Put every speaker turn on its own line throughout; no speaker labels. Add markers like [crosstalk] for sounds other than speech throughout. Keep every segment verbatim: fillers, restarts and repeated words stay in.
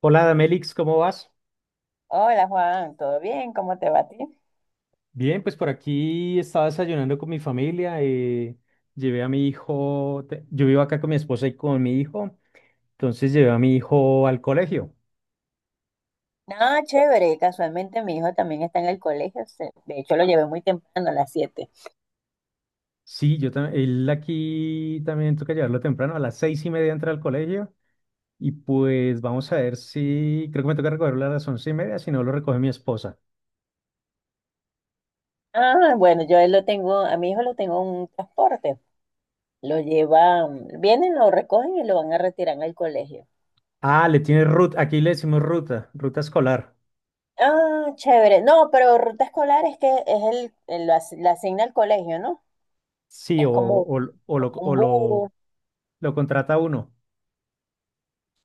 Hola, Melix, ¿cómo vas?
Hola Juan, ¿todo bien? ¿Cómo te va a ti?
Bien, pues por aquí estaba desayunando con mi familia. Eh, llevé a mi hijo, te- yo vivo acá con mi esposa y con mi hijo, entonces llevé a mi hijo al colegio.
Nada, chévere. Casualmente mi hijo también está en el colegio. se- De hecho, lo llevé muy temprano, a las siete.
Sí, yo también, él aquí también toca llevarlo temprano, a las seis y media entra al colegio y pues vamos a ver si, creo que me toca recogerlo a las once y media, si no lo recoge mi esposa.
Ah, bueno, yo a él lo tengo, a mi hijo lo tengo en un transporte. Lo llevan, vienen, lo recogen y lo van a retirar al colegio.
Ah, le tiene ruta, aquí le decimos ruta, ruta escolar.
Ah, chévere. No, pero ruta escolar es que es el, el- lo as- la asigna al colegio, ¿no?
Sí,
Es
o,
como,
o, o lo,
como
o
un
lo,
bus.
lo contrata uno,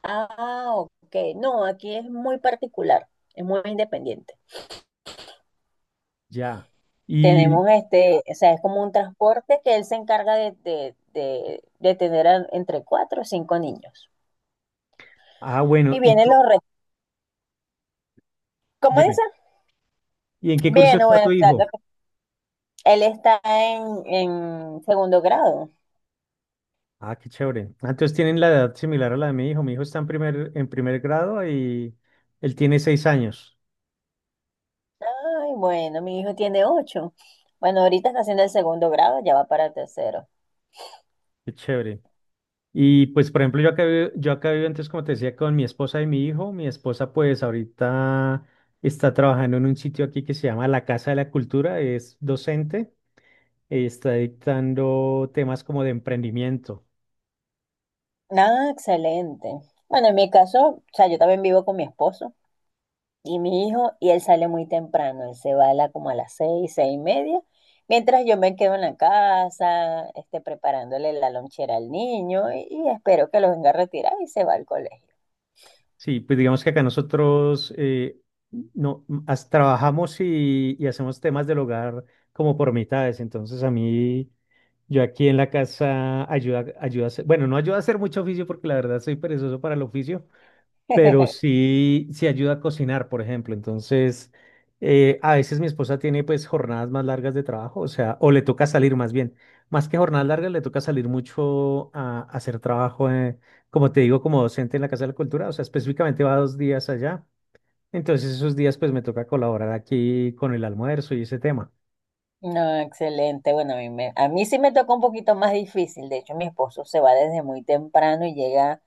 Ah, ok. No, aquí es muy particular, es muy independiente.
ya. Y,
Tenemos este, o sea, es como un transporte que él se encarga de, de, de- de tener a- entre cuatro o cinco niños.
Ah, bueno,
Y
y
vienen
co-
los retos. ¿Cómo
dime,
dice?
¿y en qué curso
Bien,
está
bueno,
tu
o sea,
hijo?
él está en, en segundo grado.
Ah, qué chévere. Ah, entonces tienen la edad similar a la de mi hijo. Mi hijo está en primer, en primer grado y él tiene seis años.
Ay, bueno, mi hijo tiene ocho. Bueno, ahorita está haciendo el segundo grado, ya va para tercero.
Qué chévere. Y pues, por ejemplo, yo acá, vi- yo acá vivo antes, como te decía, con mi esposa y mi hijo. Mi esposa, pues, ahorita está trabajando en un sitio aquí que se llama La Casa de la Cultura. Es docente. eh, Está dictando temas como de emprendimiento.
Ah, excelente. Bueno, en mi caso, o sea, yo también vivo con mi esposo. Y mi hijo, y él sale muy temprano, él se va a la, como a las seis, seis y media, mientras yo me quedo en la casa, este, preparándole la lonchera al niño y, y espero que lo venga a retirar y se va al colegio.
Sí, pues digamos que acá nosotros eh, no, as- trabajamos y, y hacemos temas del hogar como por mitades. Entonces a mí, yo aquí en la casa ayuda, ayuda a hacer- bueno, no ayuda a hacer mucho oficio porque la verdad soy perezoso para el oficio, pero
[laughs]
sí, sí ayuda a cocinar, por ejemplo. Entonces, eh, a veces mi esposa tiene pues jornadas más largas de trabajo, o sea, o le toca salir más bien. Más que jornadas largas, le toca salir mucho a, a hacer trabajo, eh, como te digo, como docente en la Casa de la Cultura, o sea, específicamente va dos días allá. Entonces, esos días pues me toca colaborar aquí con el almuerzo y ese tema.
No, excelente. Bueno, a mí, me- a mí sí me tocó un poquito más difícil. De hecho, mi esposo se va desde muy temprano y llega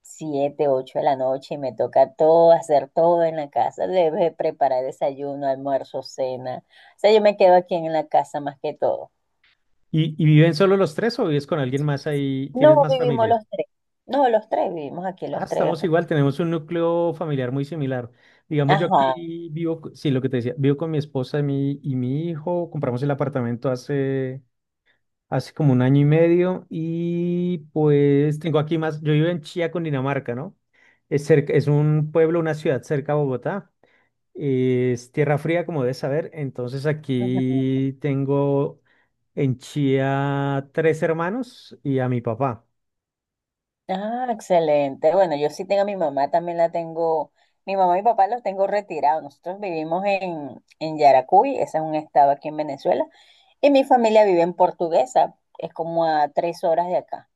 siete, ocho de la noche y me toca todo, hacer todo en la casa. Debe preparar desayuno, almuerzo, cena. O sea, yo me quedo aquí en la casa más que todo.
¿Y, y viven solo los tres o vives con alguien más ahí?
No
¿Tienes más
vivimos
familia?
los tres. No, los tres vivimos aquí,
Ah,
los tres.
estamos igual, tenemos un núcleo familiar muy similar. Digamos, yo
Ajá.
aquí vivo, co- sí, lo que te decía, vivo con mi esposa y mi, y mi hijo, compramos el apartamento hace, hace como un año y medio y pues tengo aquí más, yo vivo en Chía, Dinamarca, ¿no? Es cerca, es un pueblo, una ciudad cerca a Bogotá. Es tierra fría, como debes saber, entonces
Ujú.
aquí tengo en Chía tres hermanos y a mi papá.
Ah, excelente. Bueno, yo sí tengo a mi mamá, también la tengo. Mi mamá y mi papá los tengo retirados. Nosotros vivimos en, en Yaracuy, ese es un estado aquí en Venezuela, y mi familia vive en Portuguesa, es como a tres horas de acá.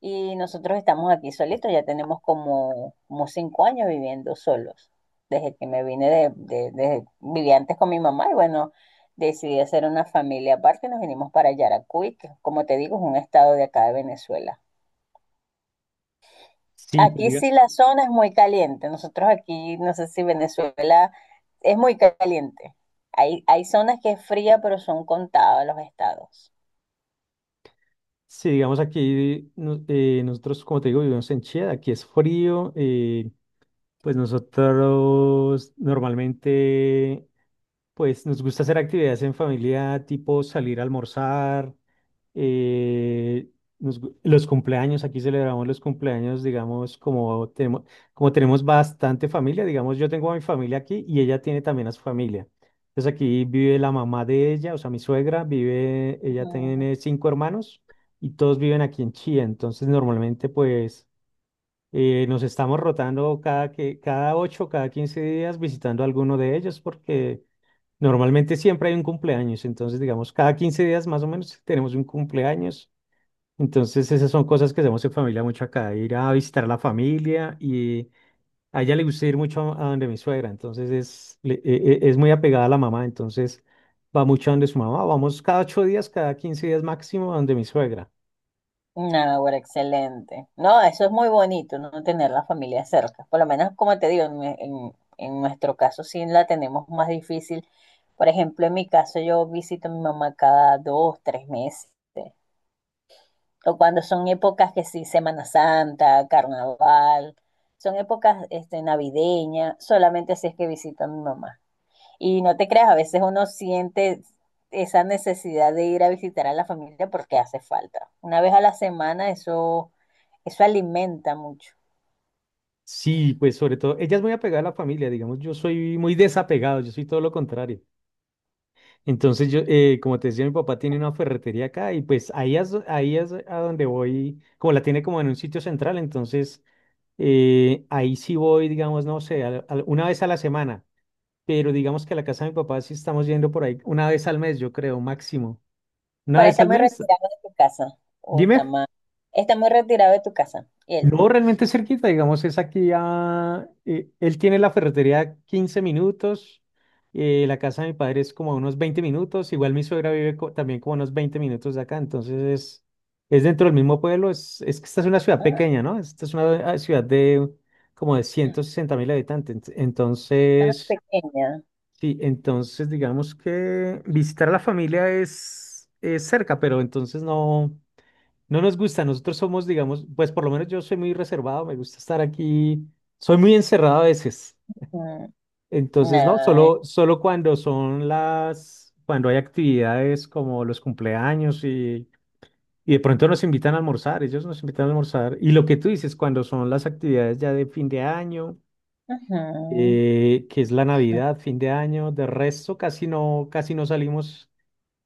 Y nosotros estamos aquí solitos, ya tenemos como, como cinco años viviendo solos. Desde que me vine de, de, de- viví antes con mi mamá y bueno, decidí hacer una familia aparte y nos vinimos para Yaracuy, que como te digo, es un estado de acá de Venezuela.
Sí, pues
Aquí sí la zona es muy caliente. Nosotros aquí, no sé si Venezuela es muy caliente. Hay, hay zonas que es fría, pero son contados los estados.
sí, digamos aquí no- eh, nosotros, como te digo, vivimos en Chía, aquí es frío, eh, pues nosotros normalmente, pues nos gusta hacer actividades en familia, tipo salir a almorzar, eh, nos gu- los cumpleaños, aquí celebramos los cumpleaños, digamos, como tenemos, como tenemos bastante familia, digamos, yo tengo a mi familia aquí y ella tiene también a su familia. Entonces aquí vive la mamá de ella, o sea, mi suegra, vive, ella tiene cinco hermanos y todos viven aquí en Chía. Entonces normalmente pues eh, nos estamos rotando cada, que, cada ocho, cada quince días visitando a alguno de ellos porque. Normalmente siempre hay un cumpleaños, entonces digamos cada quince días más o menos tenemos un cumpleaños entonces, esas son cosas que hacemos en familia mucho acá, ir a visitar a la familia y a ella le gusta ir mucho a donde mi suegra, entonces es, le- e- e- es muy apegada a la mamá, entonces va mucho a donde su mamá, vamos cada ocho días, cada quince días máximo a donde mi suegra.
No, bueno, excelente. No, eso es muy bonito, no tener la familia cerca. Por lo menos, como te digo, en, en- en nuestro caso sí la tenemos más difícil. Por ejemplo, en mi caso yo visito a mi mamá cada dos, tres meses. O cuando son épocas que sí, Semana Santa, Carnaval, son épocas este, navideñas, solamente si es que visito a mi mamá. Y no te creas, a veces uno siente esa necesidad de ir a visitar a la familia porque hace falta. Una vez a la semana eso eso alimenta mucho.
Sí, pues sobre todo, ella es muy apegada a la familia, digamos, yo soy muy desapegado, yo soy todo lo contrario. Entonces, yo, eh, como te decía, mi papá tiene una ferretería acá y pues ahí es, ahí es a donde voy, como la tiene como en un sitio central, entonces. Eh, ahí sí voy, digamos, no sé, al- al- una vez a la semana, pero digamos que a la casa de mi papá sí estamos yendo por ahí una vez al mes, yo creo, máximo. Una
Para
vez
está
al
muy
mes,
retirado de tu casa. O está
dime.
más. Está muy retirado de tu casa. Él.
No, realmente es cerquita, digamos, es aquí a... eh, él tiene la ferretería a quince minutos, eh, la casa de mi padre es como a unos veinte minutos, igual mi suegra vive co- también como a unos veinte minutos de acá, entonces es, es dentro del mismo pueblo, es, es que esta es una ciudad
Ah,
pequeña, ¿no? Esta es una ah, ciudad de como de ciento sesenta mil habitantes, ent-
ah,
entonces,
pequeña.
sí, entonces digamos que visitar a la familia es, es, cerca, pero entonces no. No nos gusta, nosotros somos, digamos, pues por lo menos yo soy muy reservado, me gusta estar aquí, soy muy encerrado a veces.
Mm,
Entonces, no,
nah.
solo, solo cuando son las, cuando hay actividades como los cumpleaños y, y de pronto nos invitan a almorzar, ellos nos invitan a almorzar. Y lo que tú dices, cuando son las actividades ya de fin de año,
Ujú.
eh, que es la Navidad, fin de año, de resto casi no, casi no salimos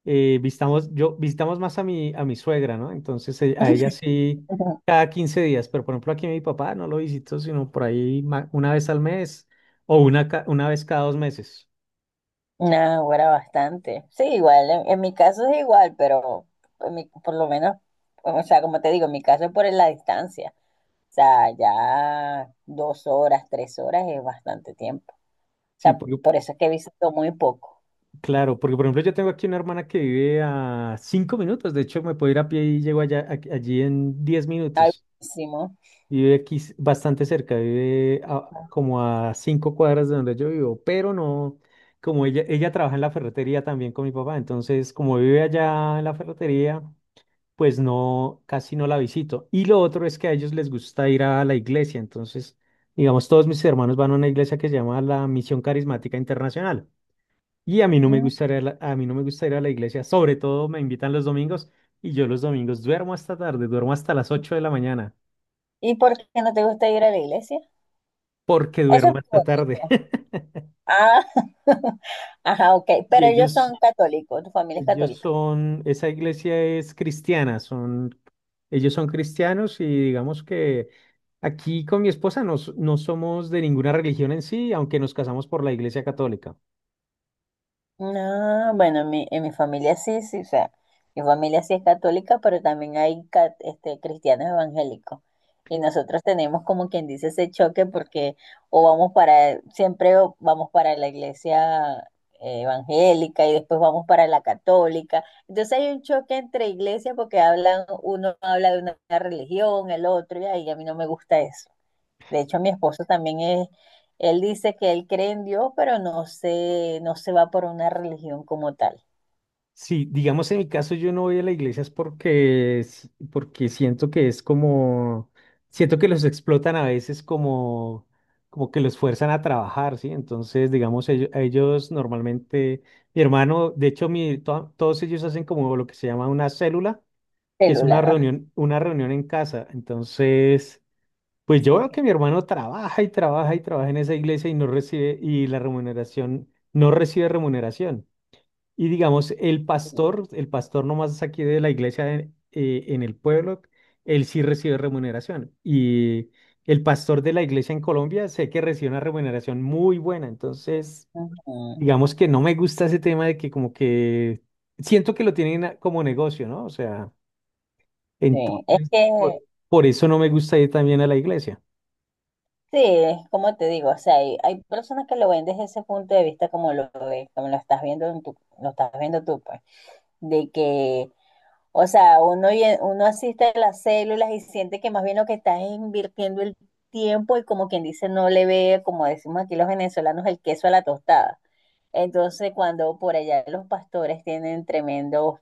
eh, visitamos, yo, visitamos más a mi, a mi suegra, ¿no? Entonces eh, a ella sí
[laughs]
cada quince días, pero por ejemplo aquí a mi papá no lo visito, sino por ahí ma- una vez al mes o una, ca- una vez cada dos meses.
Nah, ahora bastante. Sí, igual. En, en mi caso es igual, pero en mi- por lo menos, o sea, como te digo, en mi caso es por la distancia. O sea, ya dos horas, tres horas es bastante tiempo. O
Sí,
sea,
porque,
por eso es que visito muy poco.
claro, porque por ejemplo yo tengo aquí una hermana que vive a cinco minutos, de hecho me puedo ir a pie y llego allá, a- allí en diez minutos.
Algo.
Vive aquí s- bastante cerca, vive a- como a cinco cuadras de donde yo vivo, pero no, como ella, ella trabaja en la ferretería también con mi papá, entonces como vive allá en la ferretería, pues no, casi no la visito. Y lo otro es que a ellos les gusta ir a la iglesia, entonces, digamos, todos mis hermanos van a una iglesia que se llama la Misión Carismática Internacional. Y a mí no me gusta ir a la, a mí no me gusta ir a la iglesia, sobre todo me invitan los domingos y yo los domingos duermo hasta tarde, duermo hasta las ocho de la mañana.
¿Y por qué no te gusta ir a la iglesia?
Porque
Eso es
duermo hasta
por-
tarde. [laughs]
Ah, [laughs] ajá, ok.
Y
Pero ellos
ellos,
son católicos, tu familia es
ellos
católica.
son, esa iglesia es cristiana, son, ellos son cristianos y digamos que aquí con mi esposa nos- no somos de ninguna religión en sí, aunque nos casamos por la iglesia católica.
No, bueno, en mi, en mi familia sí, sí, o sea, mi familia sí es católica, pero también hay ca- este, cristianos evangélicos. Y nosotros tenemos como quien dice ese choque porque o vamos para, siempre o vamos para la iglesia eh, evangélica y después vamos para la católica. Entonces hay un choque entre iglesias porque hablan, uno habla de una religión, el otro, y ahí a mí no me gusta eso. De hecho, mi esposo también es, él dice que él cree en Dios, pero no se, no se va por una religión como tal.
Sí, digamos en mi caso yo no voy a la iglesia es porque, s- porque siento que es como, siento que los explotan a veces como, como que los fuerzan a trabajar, ¿sí? Entonces, digamos, ellos, ellos normalmente, mi hermano, de hecho, mi, to- todos ellos hacen como lo que se llama una célula, que es una
Celular.
reunión, una reunión en casa. Entonces, pues
Sí.
yo veo que mi hermano trabaja y trabaja y trabaja en esa iglesia y no recibe, y la remuneración, no recibe remuneración. Y digamos, el pastor, el pastor nomás aquí de la iglesia en, eh, en el pueblo, él sí recibe remuneración. Y el pastor de la iglesia en Colombia sé que recibe una remuneración muy buena. Entonces,
Ujú.
digamos que no me gusta ese tema de que como que siento que lo tienen a- como negocio, ¿no? O sea,
Sí. Es
entonces, por,
que,
por eso no me gusta ir también a la iglesia.
sí, es como te digo, o sea, hay, hay personas que lo ven desde ese punto de vista como lo ves, como lo estás viendo en tu, lo estás viendo tú, pues, de que, o sea, uno, y- uno asiste a las células y siente que más bien lo que estás es invirtiendo el tiempo y como quien dice, no le ve, como decimos aquí los venezolanos, el queso a la tostada. Entonces, cuando por allá los pastores tienen tremendos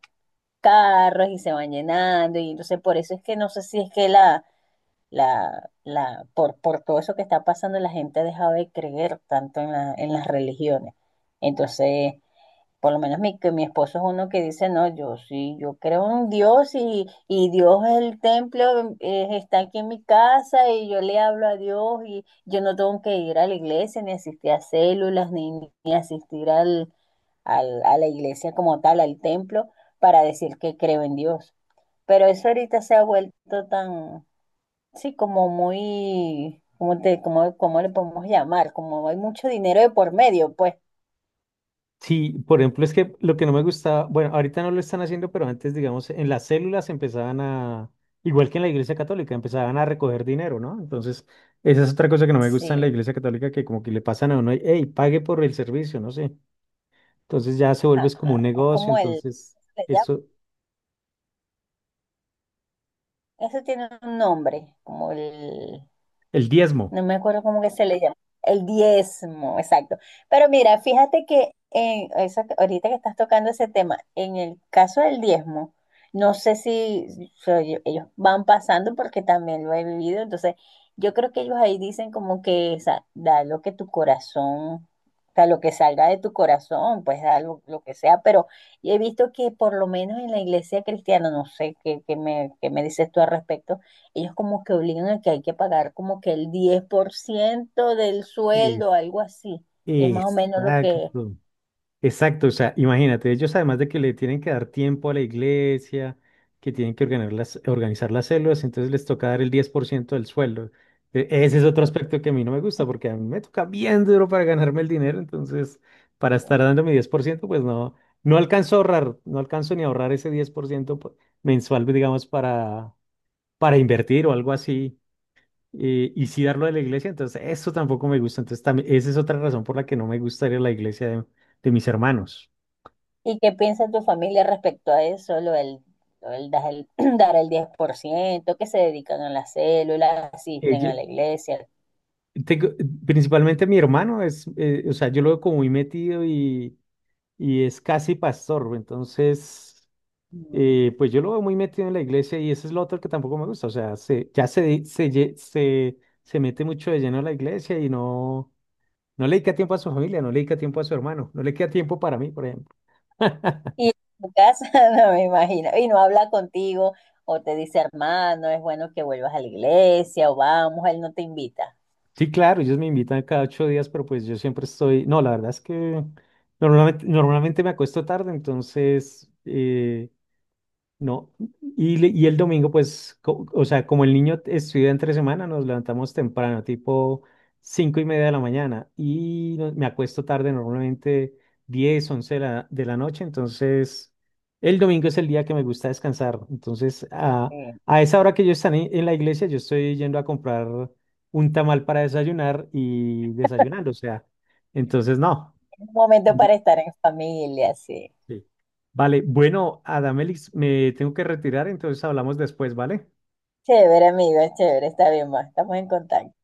carros y se van llenando, y entonces por eso es que no sé si es que la, la, la, por, por todo eso que está pasando, la gente ha dejado de creer tanto en la- en las religiones. Entonces, por lo menos mi, que mi esposo es uno que dice, no, yo sí, yo creo en Dios y, y Dios es el templo, eh, está aquí en mi casa y yo le hablo a Dios y yo no tengo que ir a la iglesia, ni asistir a células, ni, ni asistir al, al- a la iglesia como tal, al templo, para decir que creo en Dios. Pero eso ahorita se ha vuelto tan, sí, como muy, ¿cómo te, cómo, cómo le podemos llamar? Como hay mucho dinero de por medio, pues
Sí, por ejemplo, es que lo que no me gustaba, bueno, ahorita no lo están haciendo, pero antes, digamos, en las células empezaban a, igual que en la Iglesia Católica, empezaban a recoger dinero, ¿no? Entonces, esa es otra cosa que no me gusta en la
sí.
Iglesia Católica, que como que le pasan a uno, hey, pague por el servicio, no sé. Entonces ya se vuelve
Ah,
es como un
es
negocio,
como el,
entonces,
allá,
eso,
eso tiene un nombre, como el...
el diezmo.
No me acuerdo cómo que se le llama. El diezmo, exacto. Pero mira, fíjate que en eso, que- ahorita que estás tocando ese tema, en el caso del diezmo, no sé si so- yo- ellos van pasando porque también lo he vivido. Entonces, yo creo que ellos ahí dicen como que sa- da lo que tu corazón, o sea, lo que salga de tu corazón, pues da lo, lo que sea. Pero he visto que por lo menos en la iglesia cristiana, no sé qué, qué me, qué me dices tú al respecto. Ellos como que obligan a que hay que pagar como que el diez por ciento del
Es,
sueldo, algo así. Es más o menos lo que...
exacto. Exacto, o sea, imagínate, ellos además de que le tienen que dar tiempo a la iglesia, que tienen que organizar las, organizar las células, entonces les toca dar el diez por ciento del sueldo. E- Ese es otro
Sí.
aspecto que a mí no me gusta, porque a mí me toca bien duro para ganarme el dinero, entonces para estar dando mi diez por ciento, pues no, no alcanzo a ahorrar, no alcanzo ni a ahorrar ese diez por ciento po- mensual, digamos, para, para invertir o algo así, eh, y sí darlo a la iglesia, entonces eso tampoco me gusta, entonces también, esa es otra razón por la que no me gusta ir a la iglesia de de mis hermanos.
¿Y qué piensa tu familia respecto a eso? Lo del, lo del dar el, [clears throat] dar el diez por ciento que se dedican a la célula, asisten a
Ella-
la iglesia.
tengo- Principalmente mi hermano es, eh, o sea, yo lo veo como muy metido y, y es casi pastor, entonces,
Mm.
eh, pues yo lo veo muy metido en la iglesia y eso es lo otro que tampoco me gusta, o sea, se, ya se, di- se, lle- se, se mete mucho de lleno a la iglesia y no, no le dedica tiempo a su familia, no le dedica tiempo a su hermano, no le queda tiempo para mí, por ejemplo. [laughs]
Y en tu casa, [laughs] no me imagino, y no habla contigo, o te dice, hermano, es bueno que vuelvas a la iglesia, o vamos, él no te invita.
Sí, claro, ellos me invitan cada ocho días, pero pues yo siempre estoy, no, la verdad es que normalmente, normalmente me acuesto tarde, entonces. eh, No. Y, le- y el domingo, pues, co- o sea, como el niño estudia entre semana, nos levantamos temprano, tipo cinco y media de la mañana, y no- me acuesto tarde, normalmente diez once de la, de la noche, entonces el domingo es el día que me gusta descansar. Entonces, a,
Eh,
a esa hora que yo estaré en la iglesia, yo estoy yendo a comprar un tamal para desayunar y desayunando, o sea, entonces no.
Un momento para estar en familia, sí.
Sí. Vale, bueno, Adamelix, me tengo que retirar, entonces hablamos después, ¿vale?
Chévere, amiga, chévere, está bien, va. Estamos en contacto.